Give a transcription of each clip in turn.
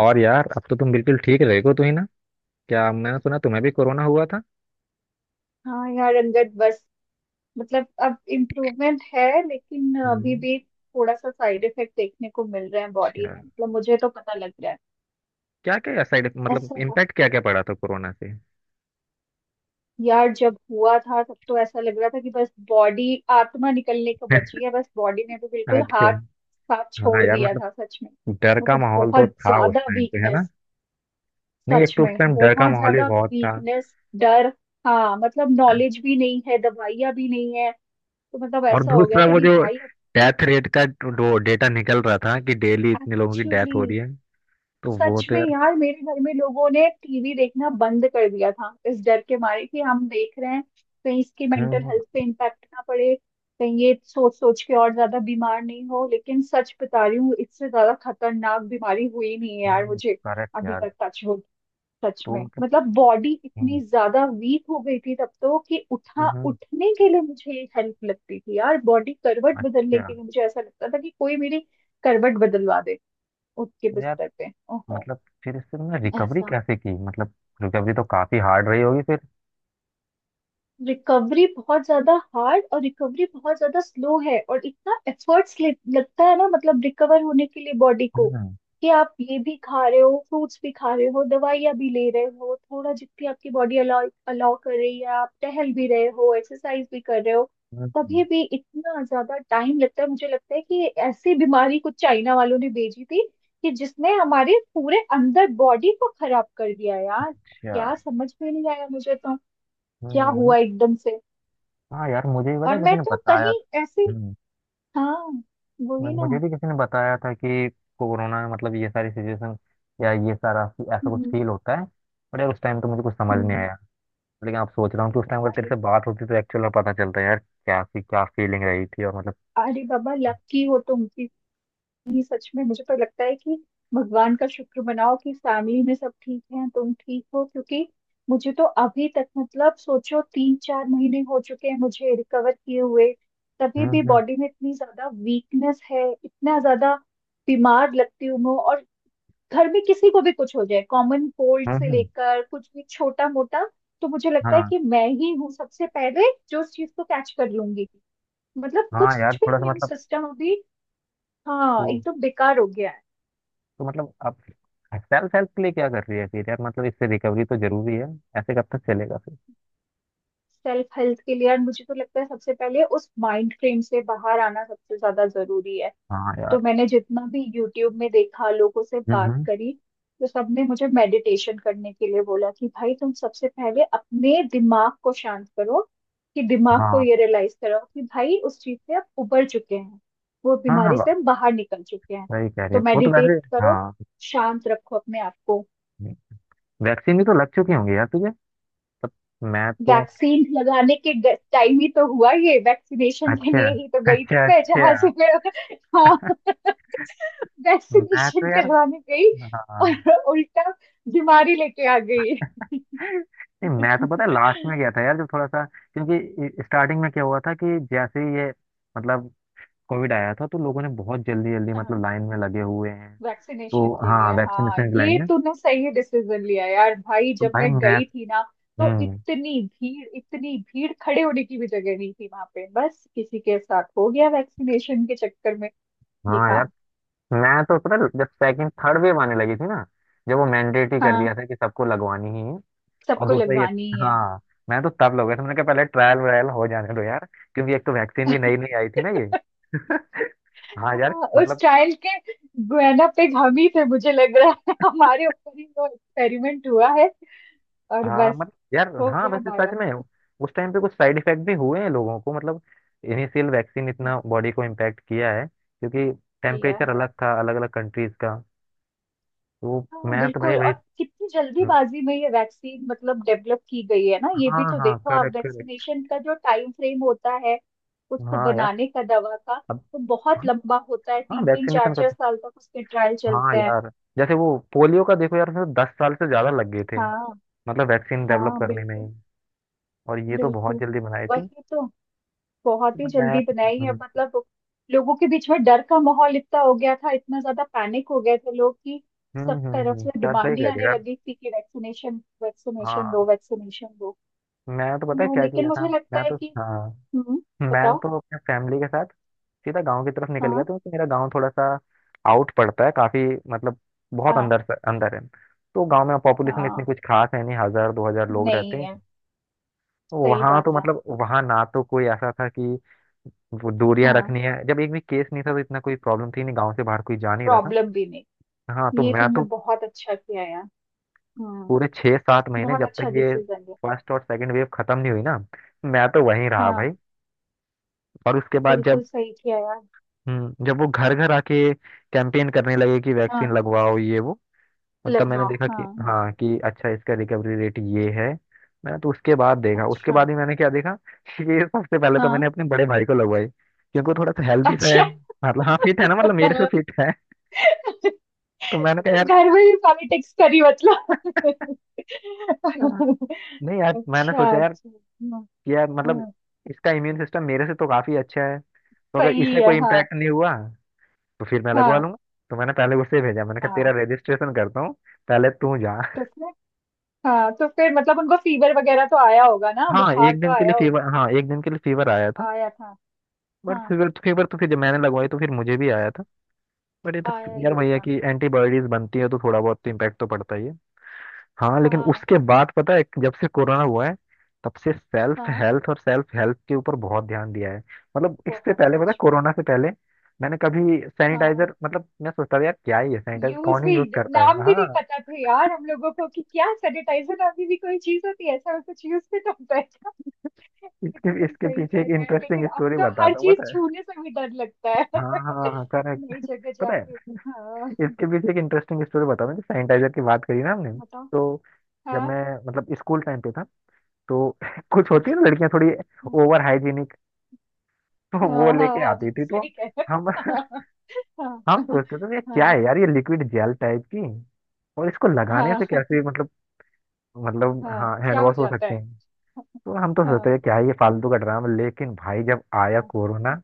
और यार, अब तो तुम बिल्कुल ठीक रहे हो तो ही ना। क्या, मैंने सुना तुम्हें भी कोरोना हुआ था? हाँ यार अंगद। बस मतलब अब इम्प्रूवमेंट है लेकिन अभी हम्म। भी थोड़ा सा साइड इफेक्ट देखने को मिल रहे हैं बॉडी अच्छा। में। मतलब मुझे तो पता लग रहा क्या क्या साइड, है। मतलब ऐसा है इम्पैक्ट क्या क्या पड़ा था कोरोना से? यार, जब हुआ था तब तो ऐसा लग रहा था कि बस बॉडी आत्मा निकलने को बची है। बस बॉडी ने भी बिल्कुल अच्छा। हाथ साथ हाँ छोड़ यार, दिया था मतलब सच में। डर का मतलब माहौल बहुत तो था उस ज्यादा टाइम पे, है ना। वीकनेस, नहीं, एक सच तो उस में टाइम डर का बहुत माहौल भी ज्यादा बहुत था। वीकनेस, डर। हाँ मतलब नॉलेज भी नहीं है, दवाइयाँ भी नहीं है तो मतलब और ऐसा हो गया दूसरा था वो कि जो भाई डेथ रेट का जो डेटा निकल रहा था कि डेली अब इतने लोगों की डेथ हो रही एक्चुअली है, तो वो सच तो में यार। यार मेरे घर में लोगों ने टीवी देखना बंद कर दिया था इस डर के मारे कि हम देख रहे हैं कहीं इसकी मेंटल हम्म। हेल्थ पे इम्पैक्ट ना पड़े, कहीं ये सोच सोच के और ज्यादा बीमार नहीं हो। लेकिन सच बता रही हूँ, इससे ज्यादा खतरनाक बीमारी हुई नहीं है यार मुझे करेक्ट अभी यार। तक, टच हो। सच तो में मतलब मतलब बॉडी हम्म, इतनी ज्यादा वीक हो गई थी तब तो कि उठा हम्म। उठने के लिए मुझे हेल्प लगती थी यार। बॉडी करवट बदलने अच्छा। के लिए मुझे ऐसा लगता था कि कोई मेरी करवट बदलवा दे, उठ के तो यार, बिस्तर पे। ओहो मतलब फिर इससे तुमने रिकवरी ऐसा। कैसे की? मतलब रिकवरी तो काफी हार्ड रही होगी फिर। रिकवरी बहुत ज्यादा हार्ड और रिकवरी बहुत ज्यादा स्लो है, और इतना एफर्ट्स लगता है ना मतलब रिकवर होने के लिए बॉडी को हम्म, कि आप ये भी खा रहे हो, फ्रूट्स भी खा रहे हो, दवाइयाँ भी ले रहे हो, थोड़ा जितनी आपकी बॉडी अलाउ अलाउ कर रही है आप टहल भी रहे हो, एक्सरसाइज भी कर रहे हो, हम्म। तभी भी इतना ज्यादा टाइम लगता है। मुझे लगता है कि ऐसी बीमारी कुछ चाइना वालों ने भेजी थी कि जिसने हमारे पूरे अंदर बॉडी को खराब कर दिया यार। अच्छा। क्या समझ में नहीं आया मुझे तो, क्या हम्म, नहीं, हुआ एकदम से। हाँ यार मुझे भी पता है, और किसी मैं ने तो बताया कहीं ऐसे। था। हम्म। हाँ, वही ना। मुझे भी किसी ने बताया था कि कोरोना में मतलब ये सारी सिचुएशन, या ये सारा ऐसा कुछ हम्म, फील होता है। पर यार, उस टाइम तो मुझे कुछ समझ नहीं हम्म, आया। लेकिन अब सोच रहा हूँ कि उस टाइम अगर तेरे अरे, से बात होती तो एक्चुअल में पता चलता यार क्या सी क्या फीलिंग रही थी, और मतलब। अरे बाबा, लकी हो तुम कि सच में मुझे तो लगता है कि भगवान का शुक्र मनाओ कि फैमिली में सब ठीक है, तुम ठीक हो। क्योंकि मुझे तो अभी तक मतलब सोचो 3-4 महीने हो चुके हैं मुझे रिकवर किए हुए, तभी हम्म, भी हम्म, बॉडी में इतनी ज्यादा वीकनेस है, इतना ज्यादा बीमार लगती हूँ मैं। और घर में किसी को भी कुछ हो जाए, कॉमन कोल्ड हम्म, से हम्म। लेकर कुछ भी छोटा मोटा, तो मुझे लगता है हाँ। कि मैं ही हूँ सबसे पहले जो उस चीज को कैच कर लूंगी। मतलब हाँ कुछ यार, भी थोड़ा सा इम्यून सिस्टम अभी, हाँ, मतलब। एकदम बेकार हो गया है। तो मतलब आप सेल्फ हेल्प के लिए क्या कर रही है फिर यार? मतलब इससे रिकवरी तो जरूरी है। ऐसे कब तक चलेगा फिर? सेल्फ हेल्थ के लिए, और मुझे तो लगता है सबसे पहले उस माइंड फ्रेम से बाहर आना सबसे ज्यादा जरूरी है। हाँ तो यार। मैंने जितना भी यूट्यूब में देखा, लोगों से हम्म, बात हम्म। करी तो सबने मुझे मेडिटेशन करने के लिए बोला कि भाई तुम सबसे पहले अपने दिमाग को शांत करो, कि दिमाग को हाँ, ये रियलाइज करो कि भाई उस चीज से आप उबर चुके हैं, वो हाँ, हाँ, बीमारी से हम बाहर निकल चुके हैं। सही कह रही है, तो वो तो वैसे। मेडिटेट करो, हाँ। शांत रखो अपने आप को। वैक्सीन भी तो लग चुकी होंगी यार तुझे? मैं तो, वैक्सीन लगाने के टाइम ही तो हुआ ये, वैक्सीनेशन के अच्छा, लिए ही तो गई थी अच्छा, मैं, अच्छा। जहां से मैं हाँ, मैं तो वैक्सीनेशन यार, करवाने गई हाँ। और उल्टा बीमारी लेके आ गई। नहीं, मैं तो पता है लास्ट में गया था यार, जब थोड़ा सा। क्योंकि स्टार्टिंग में क्या हुआ था कि जैसे ही ये मतलब कोविड आया था तो लोगों ने बहुत जल्दी जल्दी मतलब हाँ लाइन में लगे हुए हैं। तो वैक्सीनेशन के हाँ, लिए। हाँ वैक्सीनेशन की लाइन ये में। तूने सही डिसीजन लिया यार। भाई तो जब भाई मैं मैथ। गई थी ना तो हम्म। इतनी भीड़, इतनी भीड़, खड़े होने की भी जगह नहीं थी वहां पे। बस किसी के साथ हो गया वैक्सीनेशन के चक्कर में ये हाँ यार। काम। मैं तो पता है, जब सेकंड थर्ड वेव आने लगी थी ना, जब वो मैंडेटरी कर हाँ दिया था कि सबको लगवानी ही है। और हाँ, सबको दूसरा ये। लगवानी ही है। हाँ। हाँ, मैं तो तब लगा था। मैंने कहा पहले ट्रायल व्रायल हो जाने दो यार। क्योंकि एक तो वैक्सीन भी नई नई आई थी ना, ये। हाँ यार, हाँ, उस मतलब। चाइल्ड के गुआना पे हम ही थे मुझे लग रहा है। हमारे ऊपर ही वो एक्सपेरिमेंट हुआ है और हाँ बस मतलब यार, हो हाँ गया वैसे सच बारह। में उस टाइम पे कुछ साइड इफेक्ट भी हुए हैं लोगों को, मतलब इनिशियल वैक्सीन इतना हाँ बॉडी को इम्पैक्ट किया है, क्योंकि किया टेम्परेचर है। अलग था, अलग अलग कंट्रीज का। तो हाँ मैं तो, भाई बिल्कुल, भाई। और कितनी जल्दीबाजी में ये वैक्सीन मतलब डेवलप की गई है ना। ये हाँ, भी तो हाँ, देखो आप, करेक्ट। वैक्सीनेशन का जो टाइम फ्रेम होता है उसको हाँ यार, बनाने का, दवा का, अब। तो बहुत लंबा होता है। हाँ तीन तीन चार वैक्सीनेशन का चार तो, साल तक उसके ट्रायल हाँ चलते हैं। यार। जैसे वो पोलियो का देखो यार, उसमें तो 10 साल से ज्यादा लग गए थे, हाँ मतलब वैक्सीन डेवलप हाँ करने में बिल्कुल, ही। और ये तो बहुत बिल्कुल जल्दी बनाई थी। वही तो। बहुत ही तो मैं जल्दी बनाई तो, है हम्म, मतलब, लोगों के बीच में डर का माहौल इतना हो गया था, इतना ज्यादा पैनिक हो गए थे लोग कि हम्म, सब हम्म, तरफ हम्म। से यार सही डिमांड ही कह रहे हो आने यार। लगी थी कि वैक्सीनेशन, वैक्सीनेशन हाँ, दो, वैक्सीनेशन दो। मैं तो पता है हाँ, क्या लेकिन किया था। मुझे लगता मैं है तो, कि। हाँ, हम्म मैं बताओ। तो अपने फैमिली के साथ सीधा गांव की तरफ निकल गया था, हाँ क्योंकि मेरा गांव थोड़ा सा आउट पड़ता है काफी, मतलब बहुत हाँ अंदर है। तो गांव में पॉपुलेशन इतनी हाँ। कुछ खास है नहीं, 1,000-2,000 लोग रहते नहीं हैं। है। सही वहां तो बात है। मतलब वहां ना, तो कोई ऐसा था कि वो दूरियां हाँ रखनी है। जब एक भी केस नहीं था तो इतना कोई प्रॉब्लम थी नहीं, गांव से बाहर कोई जा नहीं रहा था। प्रॉब्लम भी नहीं। हाँ, तो ये मैं तुमने तो बहुत अच्छा किया यार। पूरे हम्म। 6-7 महीने, बहुत जब अच्छा तक ये डिसीजन है। फर्स्ट और सेकंड वेव खत्म नहीं हुई ना, मैं तो वहीं रहा भाई। हाँ और उसके बाद जब, बिल्कुल सही किया यार। जब वो घर घर आके कैंपेन करने लगे कि वैक्सीन हाँ लगवाओ ये वो, मतलब मैंने लगवाओ, देखा हाँ कि हाँ। हाँ, कि अच्छा इसका रिकवरी रेट ये है। मैंने तो उसके बाद देखा, उसके अच्छा। बाद ही मैंने क्या देखा, ये सबसे पहले तो हाँ मैंने अपने बड़े भाई को लगवाई, क्योंकि वो थोड़ा सा हेल्दी सा है, अच्छा। मतलब हाँ फिट है ना, मतलब मेरे से घर फिट है। तो मैंने कहा यार, में भी पॉलिटिक्स करी मतलब। हाँ। नहीं यार, मैंने अच्छा सोचा यार, अच्छा। हाँ, कि यार मतलब हाँ, इसका इम्यून सिस्टम मेरे से तो काफी अच्छा है, तो अगर सही इसे है। कोई हाँ इम्पैक्ट नहीं हुआ तो फिर मैं लगवा हाँ लूंगा। तो मैंने पहले उसे भेजा, मैंने कहा तेरा हाँ रजिस्ट्रेशन करता हूँ, पहले तू जा। तो फिर, हाँ तो फिर मतलब उनको फीवर वगैरह तो आया होगा ना, हाँ बुखार एक तो दिन के लिए आया फीवर, होगा। हाँ एक दिन के लिए फीवर आया था। आया था बट हाँ। फीवर तो फीवर, तो फिर जब मैंने फिर लगवाई तो फिर मुझे भी आया था। बट ये तो आया ही यार भैया होगा। कि हाँ एंटीबॉडीज बनती है तो थोड़ा बहुत तो इम्पैक्ट तो पड़ता ही है। हाँ, लेकिन हाँ। उसके बाद पता है, जब से कोरोना हुआ है तब से सेल्फ हाँ हेल्थ और सेल्फ हेल्प के ऊपर बहुत ध्यान दिया है। मतलब इससे बहुत पहले पता है, सच में। कोरोना से पहले मैंने कभी हाँ सैनिटाइजर, मतलब मैं सोचता था यार क्या ही है सैनिटाइजर, यूज कौन ही भी, यूज करता है। नाम भी नहीं हाँ। पता था यार हम लोगों को कि क्या सैनिटाइजर अभी भी कोई चीज होती है, ऐसा कुछ यूज भी तो होता है। ये तो इसके तुम इसके सही कह पीछे एक रहे हो, लेकिन इंटरेस्टिंग अब स्टोरी तो हर बताता हूँ, चीज पता है। छूने से भी डर लगता है। हाँ, हाँ, हाँ, करेक्ट। नई जगह पता जाके, है, हाँ। इसके पीछे एक इंटरेस्टिंग स्टोरी, बता, मुझे सैनिटाइजर की बात करी ना हमने। बताओ। तो जब हाँ। मैं मतलब स्कूल टाइम पे था, तो कुछ होती है ना अच्छा। लड़कियां थोड़ी ओवर हाइजीनिक, तो वो हाँ हाँ। लेके हाँ, आती थी, तो सही कह रहे हम हो। हाँ हम सोचते थे ये क्या हाँ है यार, ये लिक्विड जेल टाइप की, और इसको लगाने हाँ से कैसे हाँ। मतलब हाँ, हाँ हैंड क्या हो वॉश हो जाता सकते है। हैं, तो हम तो सोचते हाँ हैं क्या है ये फालतू का ड्रामा। लेकिन भाई जब आया हाँ कोरोना,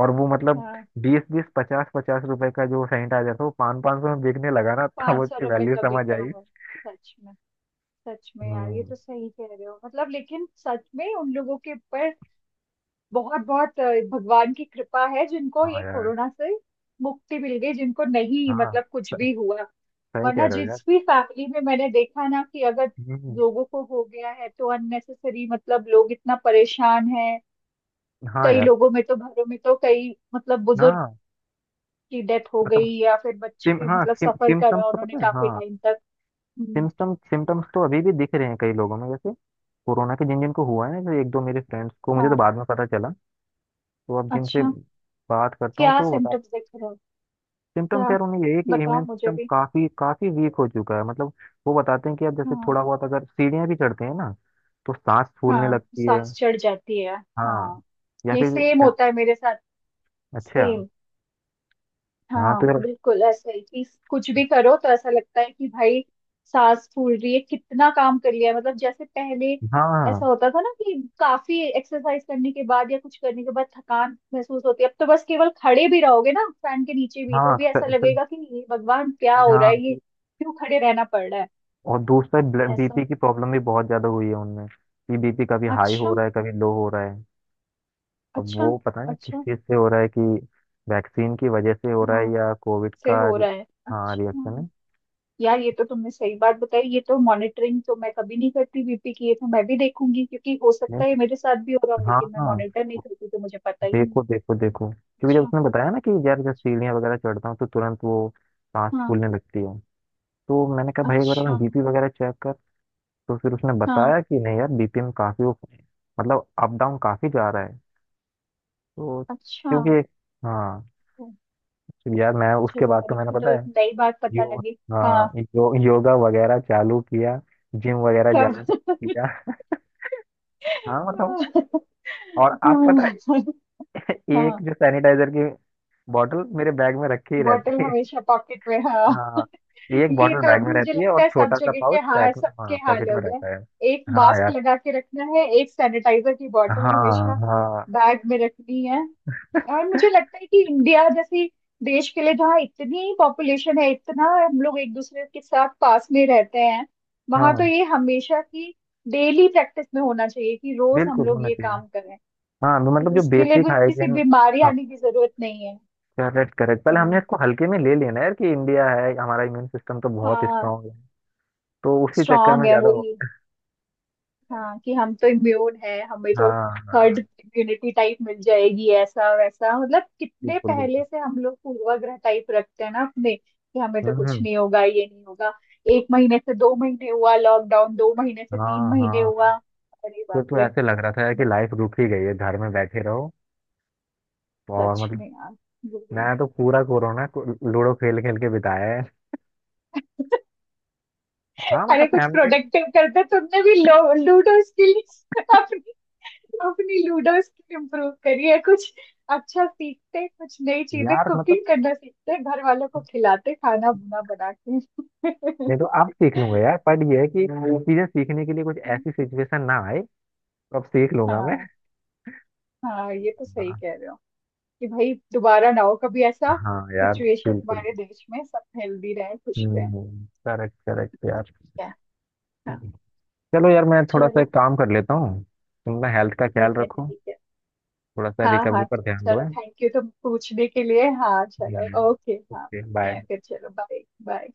और वो मतलब हाँ। बीस बीस पचास पचास रुपए का जो सैनिटाइजर था, वो पाँच पाँच सौ में बिकने लगा ना, तब पाँच सौ उसकी रुपए वैल्यू का समझ बिका आई। है सच में? सच में यार ये हम्म, तो सही कह रहे हो मतलब। लेकिन सच में उन लोगों के ऊपर बहुत बहुत भगवान की कृपा है जिनको हाँ ये यार, कोरोना से मुक्ति मिल गई। जिनको नहीं हाँ, मतलब कुछ स- भी हुआ, सही कह वरना रहे हो यार। जिस भी फैमिली में मैंने देखा ना कि अगर हम्म, लोगों को हो गया है तो अननेसेसरी मतलब लोग इतना परेशान हैं। हाँ कई यार, लोगों में तो, घरों में तो कई मतलब बुजुर्ग हाँ की डेथ हो गई, मतलब या फिर सिम बच्चे हाँ, मतलब सिम सफर सिम्टम्स करा तो उन्होंने पता है, काफी हाँ। टाइम तक। हम्म, सिम्टम्स तो अभी भी दिख रहे हैं कई लोगों में, जैसे कोरोना के जिन जिन को हुआ है ना, जैसे एक दो मेरे फ्रेंड्स को, मुझे तो हाँ। बाद में पता चला। तो अब जिनसे अच्छा, बात करता हूँ क्या तो वो बता, सिम्टम्स दिख रहे हैं? सिम्टम्स क्या यार उन्हें यही है कि बताओ इम्यून मुझे सिस्टम भी। काफी काफी वीक हो चुका है, मतलब। वो बताते हैं कि अब जैसे हाँ। थोड़ा बहुत अगर सीढ़ियाँ भी चढ़ते हैं ना, तो सांस फूलने हाँ लगती है। सांस चढ़ जाती है। हाँ, हाँ या ये फिर, सेम होता है मेरे साथ, अच्छा सेम। हाँ, तो हाँ यार, बिल्कुल ऐसा ही कि कुछ भी करो तो ऐसा लगता है कि भाई सांस फूल रही है, कितना काम कर लिया है। मतलब जैसे पहले ऐसा हाँ, होता था ना कि काफी एक्सरसाइज करने के बाद या कुछ करने के बाद थकान महसूस होती है, अब तो बस केवल खड़े भी रहोगे ना फैन के नीचे भी तो हाँ, भी ऐसा लगेगा कि ये भगवान क्या हो रहा हाँ, है, ये क्यों खड़े रहना पड़ रहा और दूसरा है बीपी ऐसा। की प्रॉब्लम भी बहुत ज्यादा हुई है उनमें, कि बीपी कभी हाई हो अच्छा रहा है कभी लो हो रहा है। अब अच्छा। वो पता नहीं किस अच्छा चीज से हो रहा है, कि वैक्सीन की वजह से हो रहा है हाँ, या कोविड से का हो रहा है हाँ रिएक्शन अच्छा। है। यार ये तो तुमने सही बात बताई, ये तो मॉनिटरिंग तो मैं कभी नहीं करती बीपी की। ये तो मैं भी देखूंगी, क्योंकि हो सकता नहीं, है ये मेरे साथ भी हो रहा हो हाँ, लेकिन मैं हाँ, मॉनिटर नहीं करती तो मुझे पता ही नहीं। देखो, देखो, देखो, क्योंकि जब अच्छा उसने बताया ना कि यार जब अच्छा, सीढ़ियाँ वगैरह चढ़ता हूँ तो तुरंत वो सांस हाँ। फूलने लगती है, तो मैंने कहा भाई एक बार अपना अच्छा। बीपी वगैरह चेक कर। तो फिर उसने हाँ बताया कि नहीं यार, बीपी में काफी मतलब अप डाउन काफी जा रहा है। तो अच्छा क्योंकि, हाँ, तो, तो यार मैं उसके चलो बाद तो मेरे मैंने की पता तो एक है नई बात पता यो लगी। हाँ हाँ, योगा वगैरह चालू किया, जिम वगैरह तब जाना चालू किया। हाँ मतलब, और आप पता हाँ। है, एक हाँ। जो सैनिटाइजर की बॉटल मेरे बैग में रखी ही बॉटल रहती है। हमेशा पॉकेट में, हाँ। हाँ, एक ये बॉटल तो बैग में अभी मुझे रहती है, और लगता है सब छोटा सा जगह के, पाउच हाँ, पैक सबके हाँ हाल पॉकेट हो में रहता है। गए, एक हाँ मास्क यार, लगा के रखना है, एक सैनिटाइजर की बॉटल हाँ, हमेशा हाँ, बैग में रखनी है। और मुझे लगता है कि इंडिया जैसी देश के लिए जहाँ इतनी पॉपुलेशन है, इतना हम लोग एक दूसरे के साथ पास में रहते हैं, वहां तो हाँ, ये हमेशा की डेली प्रैक्टिस में होना चाहिए, कि रोज हम बिल्कुल लोग होना ये चाहिए। काम करें। हाँ मतलब जो उसके लिए बेसिक कोई किसी हाइजीन, बीमारी आने की जरूरत नहीं है। Correct, correct. पहले हमने हम्म, इसको हल्के में ले लेना है यार, कि इंडिया है, हमारा इम्यून सिस्टम तो बहुत हाँ। स्ट्रांग है, तो उसी चक्कर स्ट्रांग में है ज्यादा हो। वही, हाँ, कि हम तो इम्यून है, हमें तो हाँ, हर्ड हाँ, इम्यूनिटी टाइप मिल जाएगी, ऐसा वैसा। मतलब कितने बिल्कुल, बिल्कुल। पहले से हम लोग पूर्वाग्रह टाइप रखते हैं ना अपने, कि हमें तो हम्म, कुछ नहीं होगा, ये नहीं होगा। एक महीने से दो महीने हुआ लॉकडाउन, दो महीने से तीन हाँ, महीने हाँ। हुआ, अरे फिर बाप तो रे। ऐसे लग रहा था यार कि बस, लाइफ रुक ही गई है, घर में बैठे रहो, और सच मतलब में यार, वही। मैं तो पूरा कोरोना को लूडो खेल खेल के बिताया है। हाँ अरे मतलब कुछ फैमिली प्रोडक्टिव करते तो, तुमने भी लूडो स्किल अपनी, अपनी लूडो स्किल इम्प्रूव करिए कुछ। अच्छा सीखते कुछ नई चीजें, यार मतलब। कुकिंग करना सीखते, घर वालों को खिलाते खाना बुना बना के। नहीं तो अब सीख लूंगा यार, पर ये है कि चीजें सीखने के लिए कुछ ऐसी सिचुएशन ना आए, तो अब सीख लूंगा मैं। हाँ हाँ ये तो सही हाँ, कह रहे हो कि भाई दोबारा ना हो कभी ऐसा हाँ यार, सिचुएशन बिल्कुल। हमारे देश में, सब हेल्दी रहे, खुश रहे। हम्म, करेक्ट, करेक्ट यार। क्या। हाँ चलो यार, मैं थोड़ा सा एक चलो। काम कर लेता हूँ, तुम ना हेल्थ का ख्याल ठीक है रखो। ठीक है। थोड़ा सा हाँ रिकवरी हाँ पर ध्यान दो, चलो, है। थैंक यू तुम पूछने के लिए। हाँ चलो, ओके। हाँ ओके ठीक है, बाय। फिर चलो, बाय बाय।